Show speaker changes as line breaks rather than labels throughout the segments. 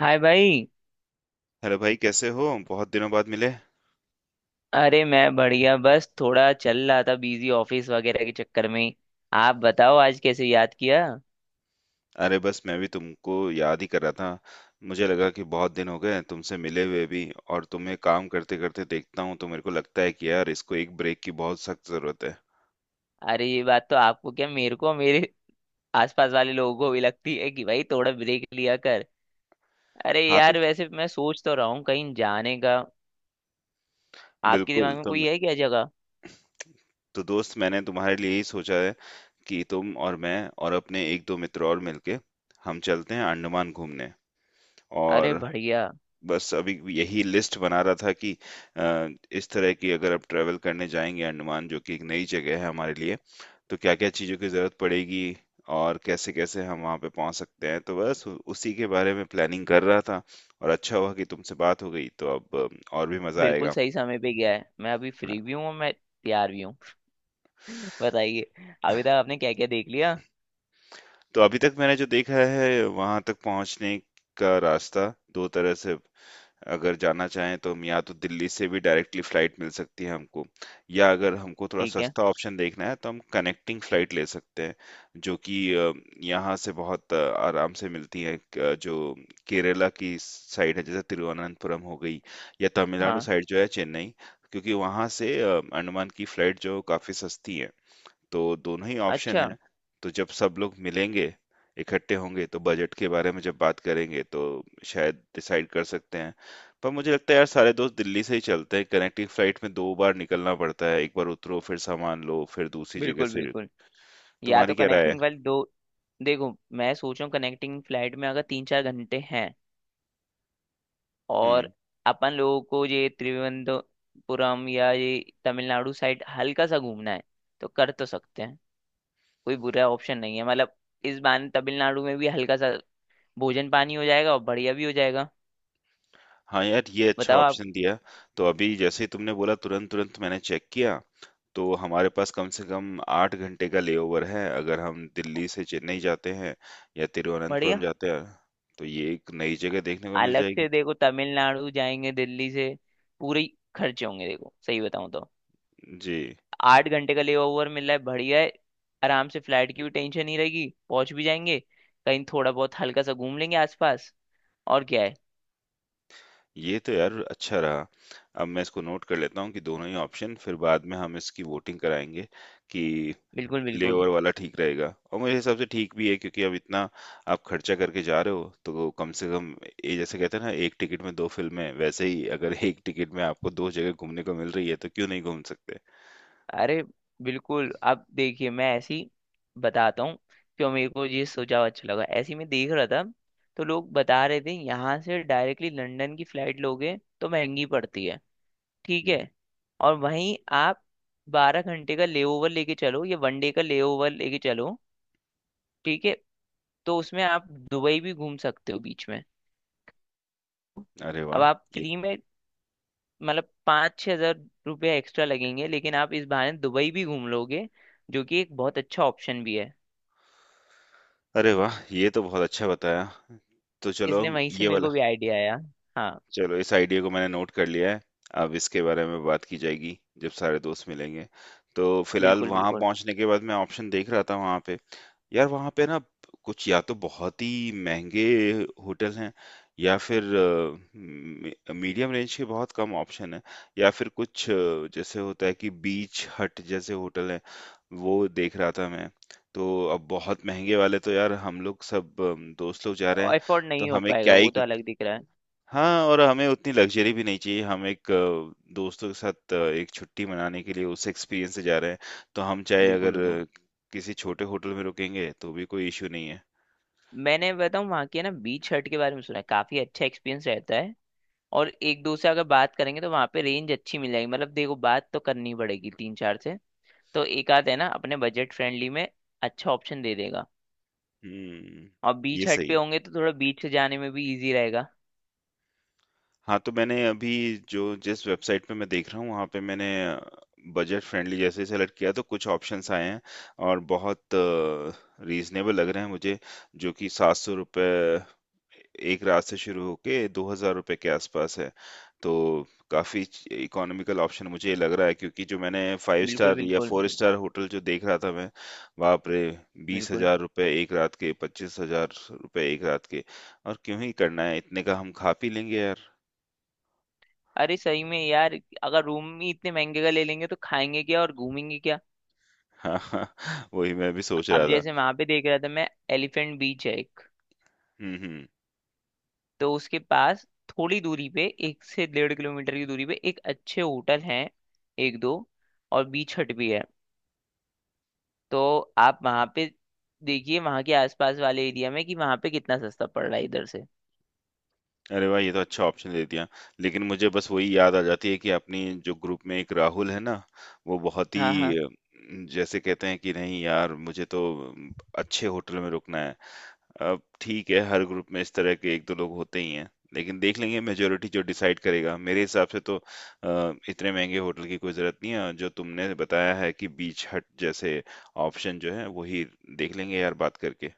हाय भाई।
हेलो भाई, कैसे हो? बहुत दिनों बाद मिले।
अरे मैं बढ़िया, बस थोड़ा चल रहा था बिजी, ऑफिस वगैरह के चक्कर में। आप बताओ आज कैसे याद किया।
अरे बस, मैं भी तुमको याद ही कर रहा था। मुझे लगा कि बहुत दिन हो गए हैं तुमसे मिले हुए भी। और तुम्हें काम करते करते देखता हूँ तो मेरे को लगता है कि यार, इसको एक ब्रेक की बहुत सख्त जरूरत है।
अरे ये बात तो आपको क्या, मेरे को मेरे आसपास वाले लोगों को भी लगती है कि भाई थोड़ा ब्रेक लिया कर। अरे
हाँ तो,
यार, वैसे मैं सोच तो रहा हूँ कहीं जाने का। आपके
बिल्कुल।
दिमाग में कोई है क्या जगह?
तो दोस्त, मैंने तुम्हारे लिए ही सोचा है कि तुम और मैं और अपने एक दो मित्र और मिलके हम चलते हैं अंडमान घूमने।
अरे
और
बढ़िया।
बस अभी यही लिस्ट बना रहा था कि अ, इस तरह की, अगर आप ट्रेवल करने जाएंगे अंडमान, जो कि एक नई जगह है हमारे लिए, तो क्या क्या चीज़ों की ज़रूरत पड़ेगी और कैसे कैसे हम वहाँ पे पहुँच सकते हैं, तो बस उसी के बारे में प्लानिंग कर रहा था। और अच्छा हुआ कि तुमसे बात हो गई, तो अब और भी मज़ा
बिल्कुल
आएगा।
सही समय पे गया है, मैं अभी फ्री भी
हाँ,
हूँ और मैं तैयार भी हूँ। बताइए, अभी तक आपने क्या क्या देख लिया।
तो अभी तक मैंने जो देखा है, वहाँ तक पहुँचने का रास्ता दो तरह से, अगर जाना चाहें तो हम, या तो दिल्ली से भी डायरेक्टली फ्लाइट मिल सकती है हमको, या अगर हमको थोड़ा
ठीक है।
सस्ता ऑप्शन देखना है तो हम कनेक्टिंग फ्लाइट ले सकते हैं, जो कि यहाँ से बहुत आराम से मिलती है, जो केरला की साइड है जैसे तिरुवनंतपुरम हो गई, या तमिलनाडु
हाँ।
साइड जो है चेन्नई। क्योंकि वहाँ से अंडमान की फ्लाइट जो काफ़ी सस्ती है, तो दोनों ही ऑप्शन
अच्छा।
है। तो जब सब लोग मिलेंगे, इकट्ठे होंगे तो बजट के बारे में जब बात करेंगे तो शायद डिसाइड कर सकते हैं। पर मुझे लगता है यार, सारे दोस्त दिल्ली से ही चलते हैं। कनेक्टिंग फ्लाइट में दो बार निकलना पड़ता है, एक बार उतरो, फिर सामान लो, फिर दूसरी जगह
बिल्कुल
से।
बिल्कुल। या
तुम्हारी
तो
क्या राय है?
कनेक्टिंग फ्लाइट दो। देखो, मैं सोच रहा हूँ कनेक्टिंग फ्लाइट में अगर 3-4 घंटे हैं और
हम्म।
अपन लोगों को ये त्रिवेंद्रपुरम या ये तमिलनाडु साइड हल्का सा घूमना है तो कर तो सकते हैं। कोई बुरा ऑप्शन नहीं है, मतलब इस बार तमिलनाडु में भी हल्का सा भोजन पानी हो जाएगा और बढ़िया भी हो जाएगा।
हाँ यार, ये अच्छा
बताओ आप।
ऑप्शन दिया। तो अभी जैसे ही तुमने बोला, तुरंत तुरंत मैंने चेक किया, तो हमारे पास कम से कम 8 घंटे का लेओवर है, अगर हम दिल्ली से चेन्नई जाते हैं या तिरुवनंतपुरम
बढ़िया।
जाते हैं। तो ये एक नई जगह देखने को मिल
अलग
जाएगी।
से देखो तमिलनाडु जाएंगे दिल्ली से, पूरे ही खर्चे होंगे। देखो सही बताऊं तो
जी।
8 घंटे का लेबर ओवर मिल रहा है, बढ़िया है। आराम से, फ्लाइट की भी टेंशन नहीं रहेगी, पहुंच भी जाएंगे, कहीं थोड़ा बहुत हल्का सा घूम लेंगे आसपास। और क्या है।
ये तो यार, अच्छा रहा। अब मैं इसको नोट कर लेता हूँ कि दोनों ही ऑप्शन, फिर बाद में हम इसकी वोटिंग कराएंगे कि
बिल्कुल बिल्कुल।
लेओवर वाला ठीक रहेगा। और मेरे हिसाब से ठीक भी है क्योंकि अब इतना आप खर्चा करके जा रहे हो, तो कम से कम ये जैसे कहते हैं ना, एक टिकट में दो फिल्में, वैसे ही अगर एक टिकट में आपको दो जगह घूमने को मिल रही है, तो क्यों नहीं घूम सकते।
अरे बिल्कुल, अब देखिए मैं ऐसी बताता हूँ क्यों मेरे को ये सुझाव अच्छा लगा। ऐसे ही मैं देख रहा था तो लोग बता रहे थे यहाँ से डायरेक्टली लंदन की फ्लाइट लोगे तो महंगी पड़ती है। ठीक
हम्म।
है। और वहीं आप 12 घंटे का लेओवर लेके चलो या वन डे का लेओवर लेके चलो, ठीक है, तो उसमें आप दुबई भी घूम सकते हो बीच में।
अरे
अब
वाह!
आप
ये
फ्री में, मतलब 5-6 हज़ार रुपया एक्स्ट्रा लगेंगे लेकिन आप इस बहाने दुबई भी घूम लोगे, जो कि एक बहुत अच्छा ऑप्शन भी है।
अरे वाह! ये तो बहुत अच्छा बताया। तो चलो
इसलिए
हम
वहीं से
ये
मेरे
वाला
को भी आइडिया आया। हाँ।
चलो, इस आइडिया को मैंने नोट कर लिया है। अब इसके बारे में बात की जाएगी जब सारे दोस्त मिलेंगे। तो फिलहाल
बिल्कुल
वहाँ
बिल्कुल।
पहुँचने के बाद मैं ऑप्शन देख रहा था वहाँ पे। यार, वहाँ पे ना, कुछ या तो बहुत ही महंगे होटल हैं, या फिर मीडियम रेंज के बहुत कम ऑप्शन है, या फिर कुछ जैसे होता है कि बीच हट जैसे होटल है, वो देख रहा था मैं। तो अब बहुत महंगे वाले तो यार, हम लोग सब दोस्त लोग जा रहे हैं,
एफोर्ड
तो
नहीं हो
हमें क्या
पाएगा
ही।
वो तो, अलग दिख रहा है।
हाँ, और हमें उतनी लग्ज़री भी नहीं चाहिए। हम एक दोस्तों के साथ एक छुट्टी मनाने के लिए उस एक्सपीरियंस से जा रहे हैं, तो हम चाहे
बिल्कुल
अगर
बिल्कुल।
किसी छोटे होटल में रुकेंगे, तो भी कोई इश्यू नहीं है।
मैंने बताऊँ वहाँ के ना बीच हट के बारे में सुना है, काफी अच्छा एक्सपीरियंस रहता है। और एक दो से अगर बात करेंगे तो वहाँ पे रेंज अच्छी मिल जाएगी। मतलब देखो बात तो करनी पड़ेगी तीन चार से, तो एक आध है ना अपने बजट फ्रेंडली में, अच्छा ऑप्शन दे देगा।
हुँ,
और
ये
बीच हट
सही
पे
है।
होंगे तो थोड़ा बीच से जाने में भी इजी रहेगा।
हाँ, तो मैंने अभी जो जिस वेबसाइट पे मैं देख रहा हूँ, वहाँ पे मैंने बजट फ्रेंडली जैसे ही सेलेक्ट किया तो कुछ ऑप्शंस आए हैं, और बहुत रीजनेबल लग रहे हैं मुझे। जो कि 700 रुपये एक रात से शुरू होके 2,000 रुपये के आसपास है। तो काफ़ी इकोनॉमिकल ऑप्शन मुझे ये लग रहा है क्योंकि जो मैंने फाइव
बिल्कुल
स्टार या
बिल्कुल।
फोर स्टार होटल जो देख रहा था मैं, बाप रे! बीस
बिल्कुल।
हजार रुपये एक रात के, 25,000 रुपये एक रात के। और क्यों ही करना है इतने का, हम खा पी लेंगे यार।
अरे सही में यार, अगर रूम ही इतने महंगे का ले लेंगे तो खाएंगे क्या और घूमेंगे क्या।
हाँ हाँ, वही मैं भी सोच
अब
रहा था।
जैसे वहां पे देख रहा था मैं, एलिफेंट बीच है एक,
हम्म।
तो उसके पास थोड़ी दूरी पे, 1 से 1.5 किलोमीटर की दूरी पे, एक अच्छे होटल हैं, एक दो, और बीच हट भी है। तो आप वहां पे देखिए, वहां के आसपास वाले एरिया में कि वहां पे कितना सस्ता पड़ रहा है इधर से।
अरे वाह, ये तो अच्छा ऑप्शन दे दिया। लेकिन मुझे बस वही याद आ जाती है कि अपनी जो ग्रुप में एक राहुल है ना, वो बहुत
हाँ हाँ।
ही जैसे कहते हैं कि, नहीं यार, मुझे तो अम, अच्छे होटल में रुकना है। अब ठीक है, हर ग्रुप में इस तरह के एक दो लोग होते ही हैं। लेकिन देख लेंगे, मेजोरिटी जो डिसाइड करेगा। मेरे हिसाब से तो इतने महंगे होटल की कोई जरूरत नहीं है। जो तुमने बताया है कि बीच हट जैसे ऑप्शन जो है, वही देख लेंगे यार बात करके।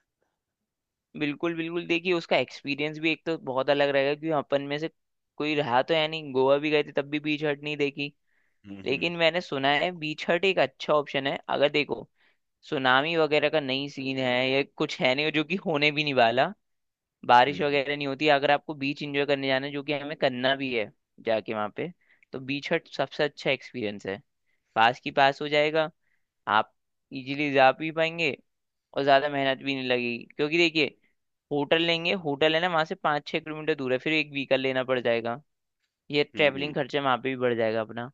बिल्कुल बिल्कुल, देखिए उसका एक्सपीरियंस भी एक तो बहुत अलग रहेगा, क्योंकि अपन में से कोई रहा तो है नहीं, गोवा भी गए थे तब भी बीच हट नहीं देखी।
हम्म हम्म
लेकिन मैंने सुना है बीच हट एक अच्छा ऑप्शन है। अगर देखो सुनामी वगैरह का नहीं सीन है या कुछ है नहीं, जो कि होने भी नहीं वाला, बारिश
हम्म।
वगैरह नहीं होती, अगर आपको बीच एंजॉय करने जाना है, जो कि हमें करना भी है, जाके वहाँ पे, तो बीच हट सबसे अच्छा एक्सपीरियंस है। पास की पास हो जाएगा, आप इजीली जा भी पाएंगे और ज्यादा मेहनत भी नहीं लगेगी। क्योंकि देखिए, होटल लेंगे, होटल है ना वहां से 5-6 किलोमीटर दूर है, फिर एक व्हीकल लेना पड़ जाएगा, ये
हुँ।
ट्रैवलिंग खर्चा वहां पे भी बढ़ जाएगा अपना।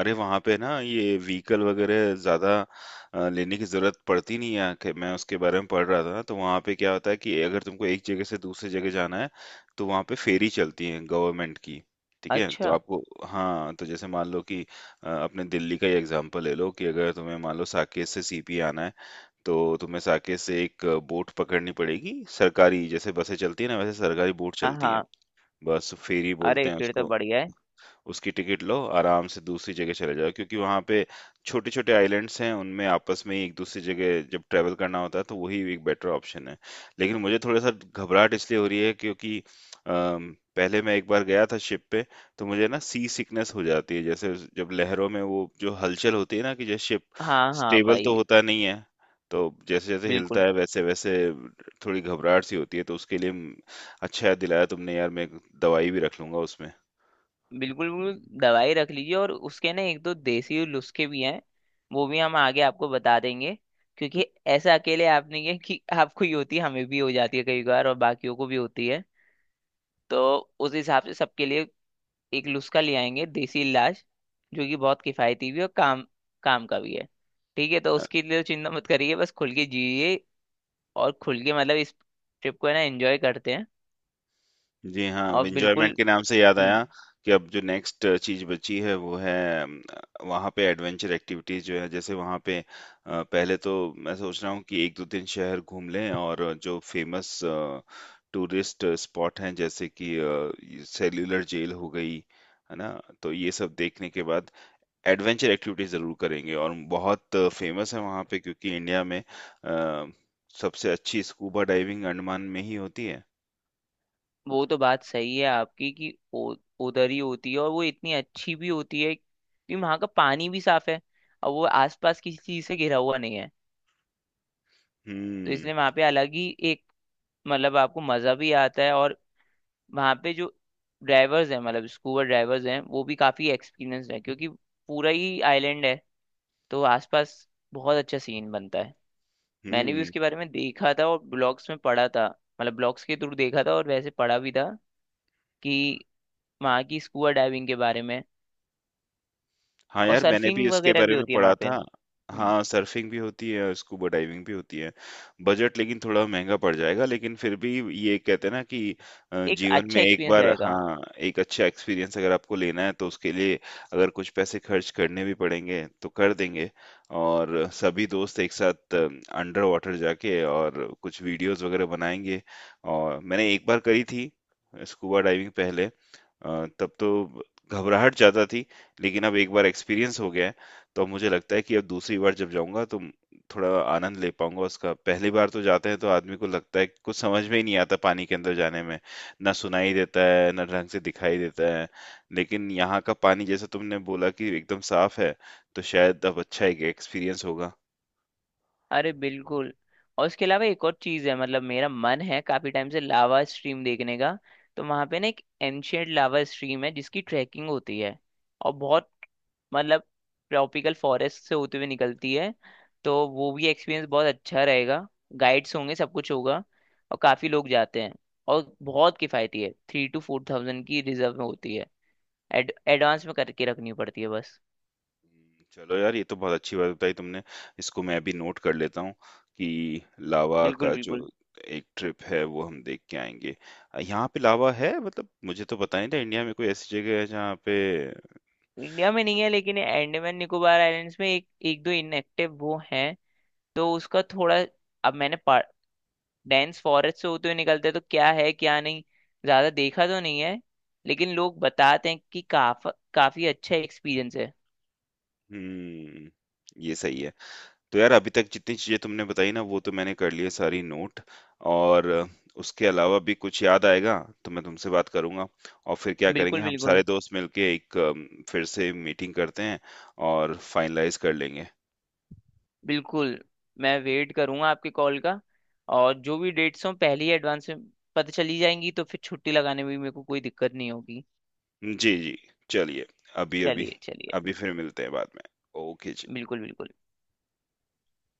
अरे, वहाँ पे ना, ये व्हीकल वगैरह ज़्यादा लेने की ज़रूरत पड़ती नहीं है, कि मैं उसके बारे में पढ़ रहा था, तो वहाँ पे क्या होता है कि अगर तुमको एक जगह से दूसरी जगह जाना है, तो वहाँ पे फेरी चलती है गवर्नमेंट की, ठीक है? तो
अच्छा।
आपको, हाँ, तो जैसे मान लो कि अपने दिल्ली का ही एग्ज़ाम्पल ले लो, कि अगर तुम्हें मान लो साकेत से सीपी आना है, तो तुम्हें साकेत से एक बोट पकड़नी पड़ेगी सरकारी, जैसे बसें चलती हैं ना, वैसे सरकारी बोट
हाँ
चलती हैं।
हाँ।
बस फेरी
अरे
बोलते हैं
फिर तो
उसको।
बढ़ गया है।
उसकी टिकट लो, आराम से दूसरी जगह चले जाओ, क्योंकि वहाँ पे छोटे छोटे आइलैंड्स हैं, उनमें आपस में ही एक दूसरी जगह जब ट्रैवल करना होता है तो वही एक बेटर ऑप्शन है। लेकिन मुझे थोड़ा सा घबराहट इसलिए हो रही है क्योंकि पहले मैं एक बार गया था शिप पे। तो मुझे ना, सी सिकनेस हो जाती है, जैसे जब लहरों में वो जो हलचल होती है ना, कि जैसे शिप
हाँ हाँ
स्टेबल तो
भाई।
होता नहीं है, तो जैसे जैसे हिलता
बिल्कुल।
है वैसे वैसे थोड़ी घबराहट सी होती है। तो उसके लिए अच्छा याद दिलाया तुमने यार, मैं एक दवाई भी रख लूंगा उसमें।
बिल्कुल बिल्कुल दवाई रख लीजिए, और उसके ना एक दो देसी नुस्खे भी हैं, वो भी हम आगे आपको बता देंगे। क्योंकि ऐसा अकेले आप नहीं है कि आपको ही होती है, हमें भी हो जाती है कई बार और बाकियों को भी होती है। तो उस हिसाब से सबके लिए एक नुस्खा ले आएंगे, देसी इलाज, जो कि बहुत किफायती भी है और काम काम का भी है। ठीक है, तो उसके लिए तो चिंता मत करिए, बस खुल के जिए। और खुल के मतलब इस ट्रिप को है ना एंजॉय करते हैं।
जी हाँ,
और बिल्कुल।
एंजॉयमेंट के नाम से याद
हम्म।
आया कि अब जो नेक्स्ट चीज बची है, वो है अम, वहाँ पे एडवेंचर एक्टिविटीज जो है जैसे वहाँ पे, पहले तो मैं सोच रहा हूँ कि एक दो दिन शहर घूम लें और जो फेमस टूरिस्ट स्पॉट हैं जैसे कि सेल्यूलर जेल हो गई, है ना? तो ये सब देखने के बाद एडवेंचर एक्टिविटीज जरूर करेंगे। और बहुत फेमस है वहाँ पे क्योंकि इंडिया में सबसे अच्छी स्कूबा डाइविंग अंडमान में ही होती है।
वो तो बात सही है आपकी, कि उधर ही होती है, और वो इतनी अच्छी भी होती है कि वहाँ का पानी भी साफ है और वो आसपास किसी चीज़ से घिरा हुआ नहीं है। तो
हम्म
इसलिए वहाँ पे अलग ही एक, मतलब आपको मज़ा भी आता है। और वहाँ पे जो ड्राइवर्स हैं, मतलब स्कूबा ड्राइवर्स हैं, वो भी काफ़ी एक्सपीरियंस्ड है क्योंकि पूरा ही आइलैंड है, तो आसपास बहुत अच्छा सीन बनता है। मैंने भी
हम्म।
उसके बारे में देखा था और ब्लॉग्स में पढ़ा था, मतलब ब्लॉग्स के थ्रू देखा था और वैसे पढ़ा भी था कि वहाँ की स्कूबा डाइविंग के बारे में।
हाँ
और
यार, मैंने भी
सर्फिंग
इसके
वगैरह
बारे
भी
में
होती है
पढ़ा
वहाँ पे।
था।
हम्म।
हाँ, सर्फिंग भी होती है और स्कूबा डाइविंग भी होती है। बजट लेकिन थोड़ा महंगा पड़ जाएगा, लेकिन फिर भी, ये कहते हैं ना कि
एक
जीवन में
अच्छा
एक
एक्सपीरियंस
बार,
रहेगा।
हाँ, एक अच्छा एक्सपीरियंस अगर आपको लेना है तो उसके लिए अगर कुछ पैसे खर्च करने भी पड़ेंगे तो कर देंगे। और सभी दोस्त एक साथ अंडर वाटर जाके और कुछ वीडियोस वगैरह बनाएंगे। और मैंने एक बार करी थी स्कूबा डाइविंग पहले, तब तो घबराहट ज्यादा थी। लेकिन अब एक बार एक्सपीरियंस हो गया है, तो अब मुझे लगता है कि अब दूसरी बार जब जाऊंगा तो थोड़ा आनंद ले पाऊंगा उसका। पहली बार तो जाते हैं तो आदमी को लगता है कि कुछ समझ में ही नहीं आता पानी के अंदर जाने में, ना सुनाई देता है ना ढंग से दिखाई देता है। लेकिन यहाँ का पानी, जैसा तुमने बोला कि एकदम साफ है, तो शायद अब अच्छा एक एक्सपीरियंस होगा।
अरे बिल्कुल। और उसके अलावा एक और चीज है, मतलब मेरा मन है काफी टाइम से लावा स्ट्रीम देखने का। तो वहां पे ना एक एंशियंट लावा स्ट्रीम है जिसकी ट्रैकिंग होती है। और बहुत, मतलब ट्रॉपिकल फॉरेस्ट से होते हुए निकलती है, तो वो भी एक्सपीरियंस बहुत अच्छा रहेगा। गाइड्स होंगे, सब कुछ होगा, और काफी लोग जाते हैं। और बहुत किफायती है, 3 to 4 थाउज़ेंड की रिजर्व में होती है। एडवांस में करके रखनी पड़ती है बस।
चलो यार, ये तो बहुत अच्छी बात बताई तुमने। इसको मैं भी नोट कर लेता हूँ कि लावा
बिल्कुल
का जो
बिल्कुल।
एक ट्रिप है, वो हम देख के आएंगे। यहाँ पे लावा है, मतलब मुझे तो पता नहीं था इंडिया में कोई ऐसी जगह है जहाँ पे।
इंडिया में नहीं है लेकिन अंडमान निकोबार आइलैंड्स में एक, एक दो इनएक्टिव वो हैं। तो उसका थोड़ा, अब मैंने, डेंस फॉरेस्ट से होते हुए निकलते हैं तो क्या है क्या नहीं, ज्यादा देखा तो नहीं है, लेकिन लोग बताते हैं कि काफी अच्छा एक्सपीरियंस है।
हम्म ये सही है। तो यार, अभी तक जितनी चीजें तुमने बताई ना, वो तो मैंने कर लिए सारी नोट। और उसके अलावा भी कुछ याद आएगा तो मैं तुमसे बात करूंगा। और फिर क्या करेंगे,
बिल्कुल
हम सारे
बिल्कुल।
दोस्त मिलके एक फिर से मीटिंग करते हैं और फाइनलाइज कर लेंगे।
बिल्कुल। मैं वेट करूंगा आपके कॉल का। और जो भी डेट्स हों पहले ही एडवांस में पता चली जाएंगी तो फिर छुट्टी लगाने में भी मेरे को कोई दिक्कत नहीं होगी।
जी, जी। चलिए, अभी-अभी
चलिए
अभी
चलिए।
अभी फिर मिलते हैं बाद में। ओके जी।
बिल्कुल बिल्कुल।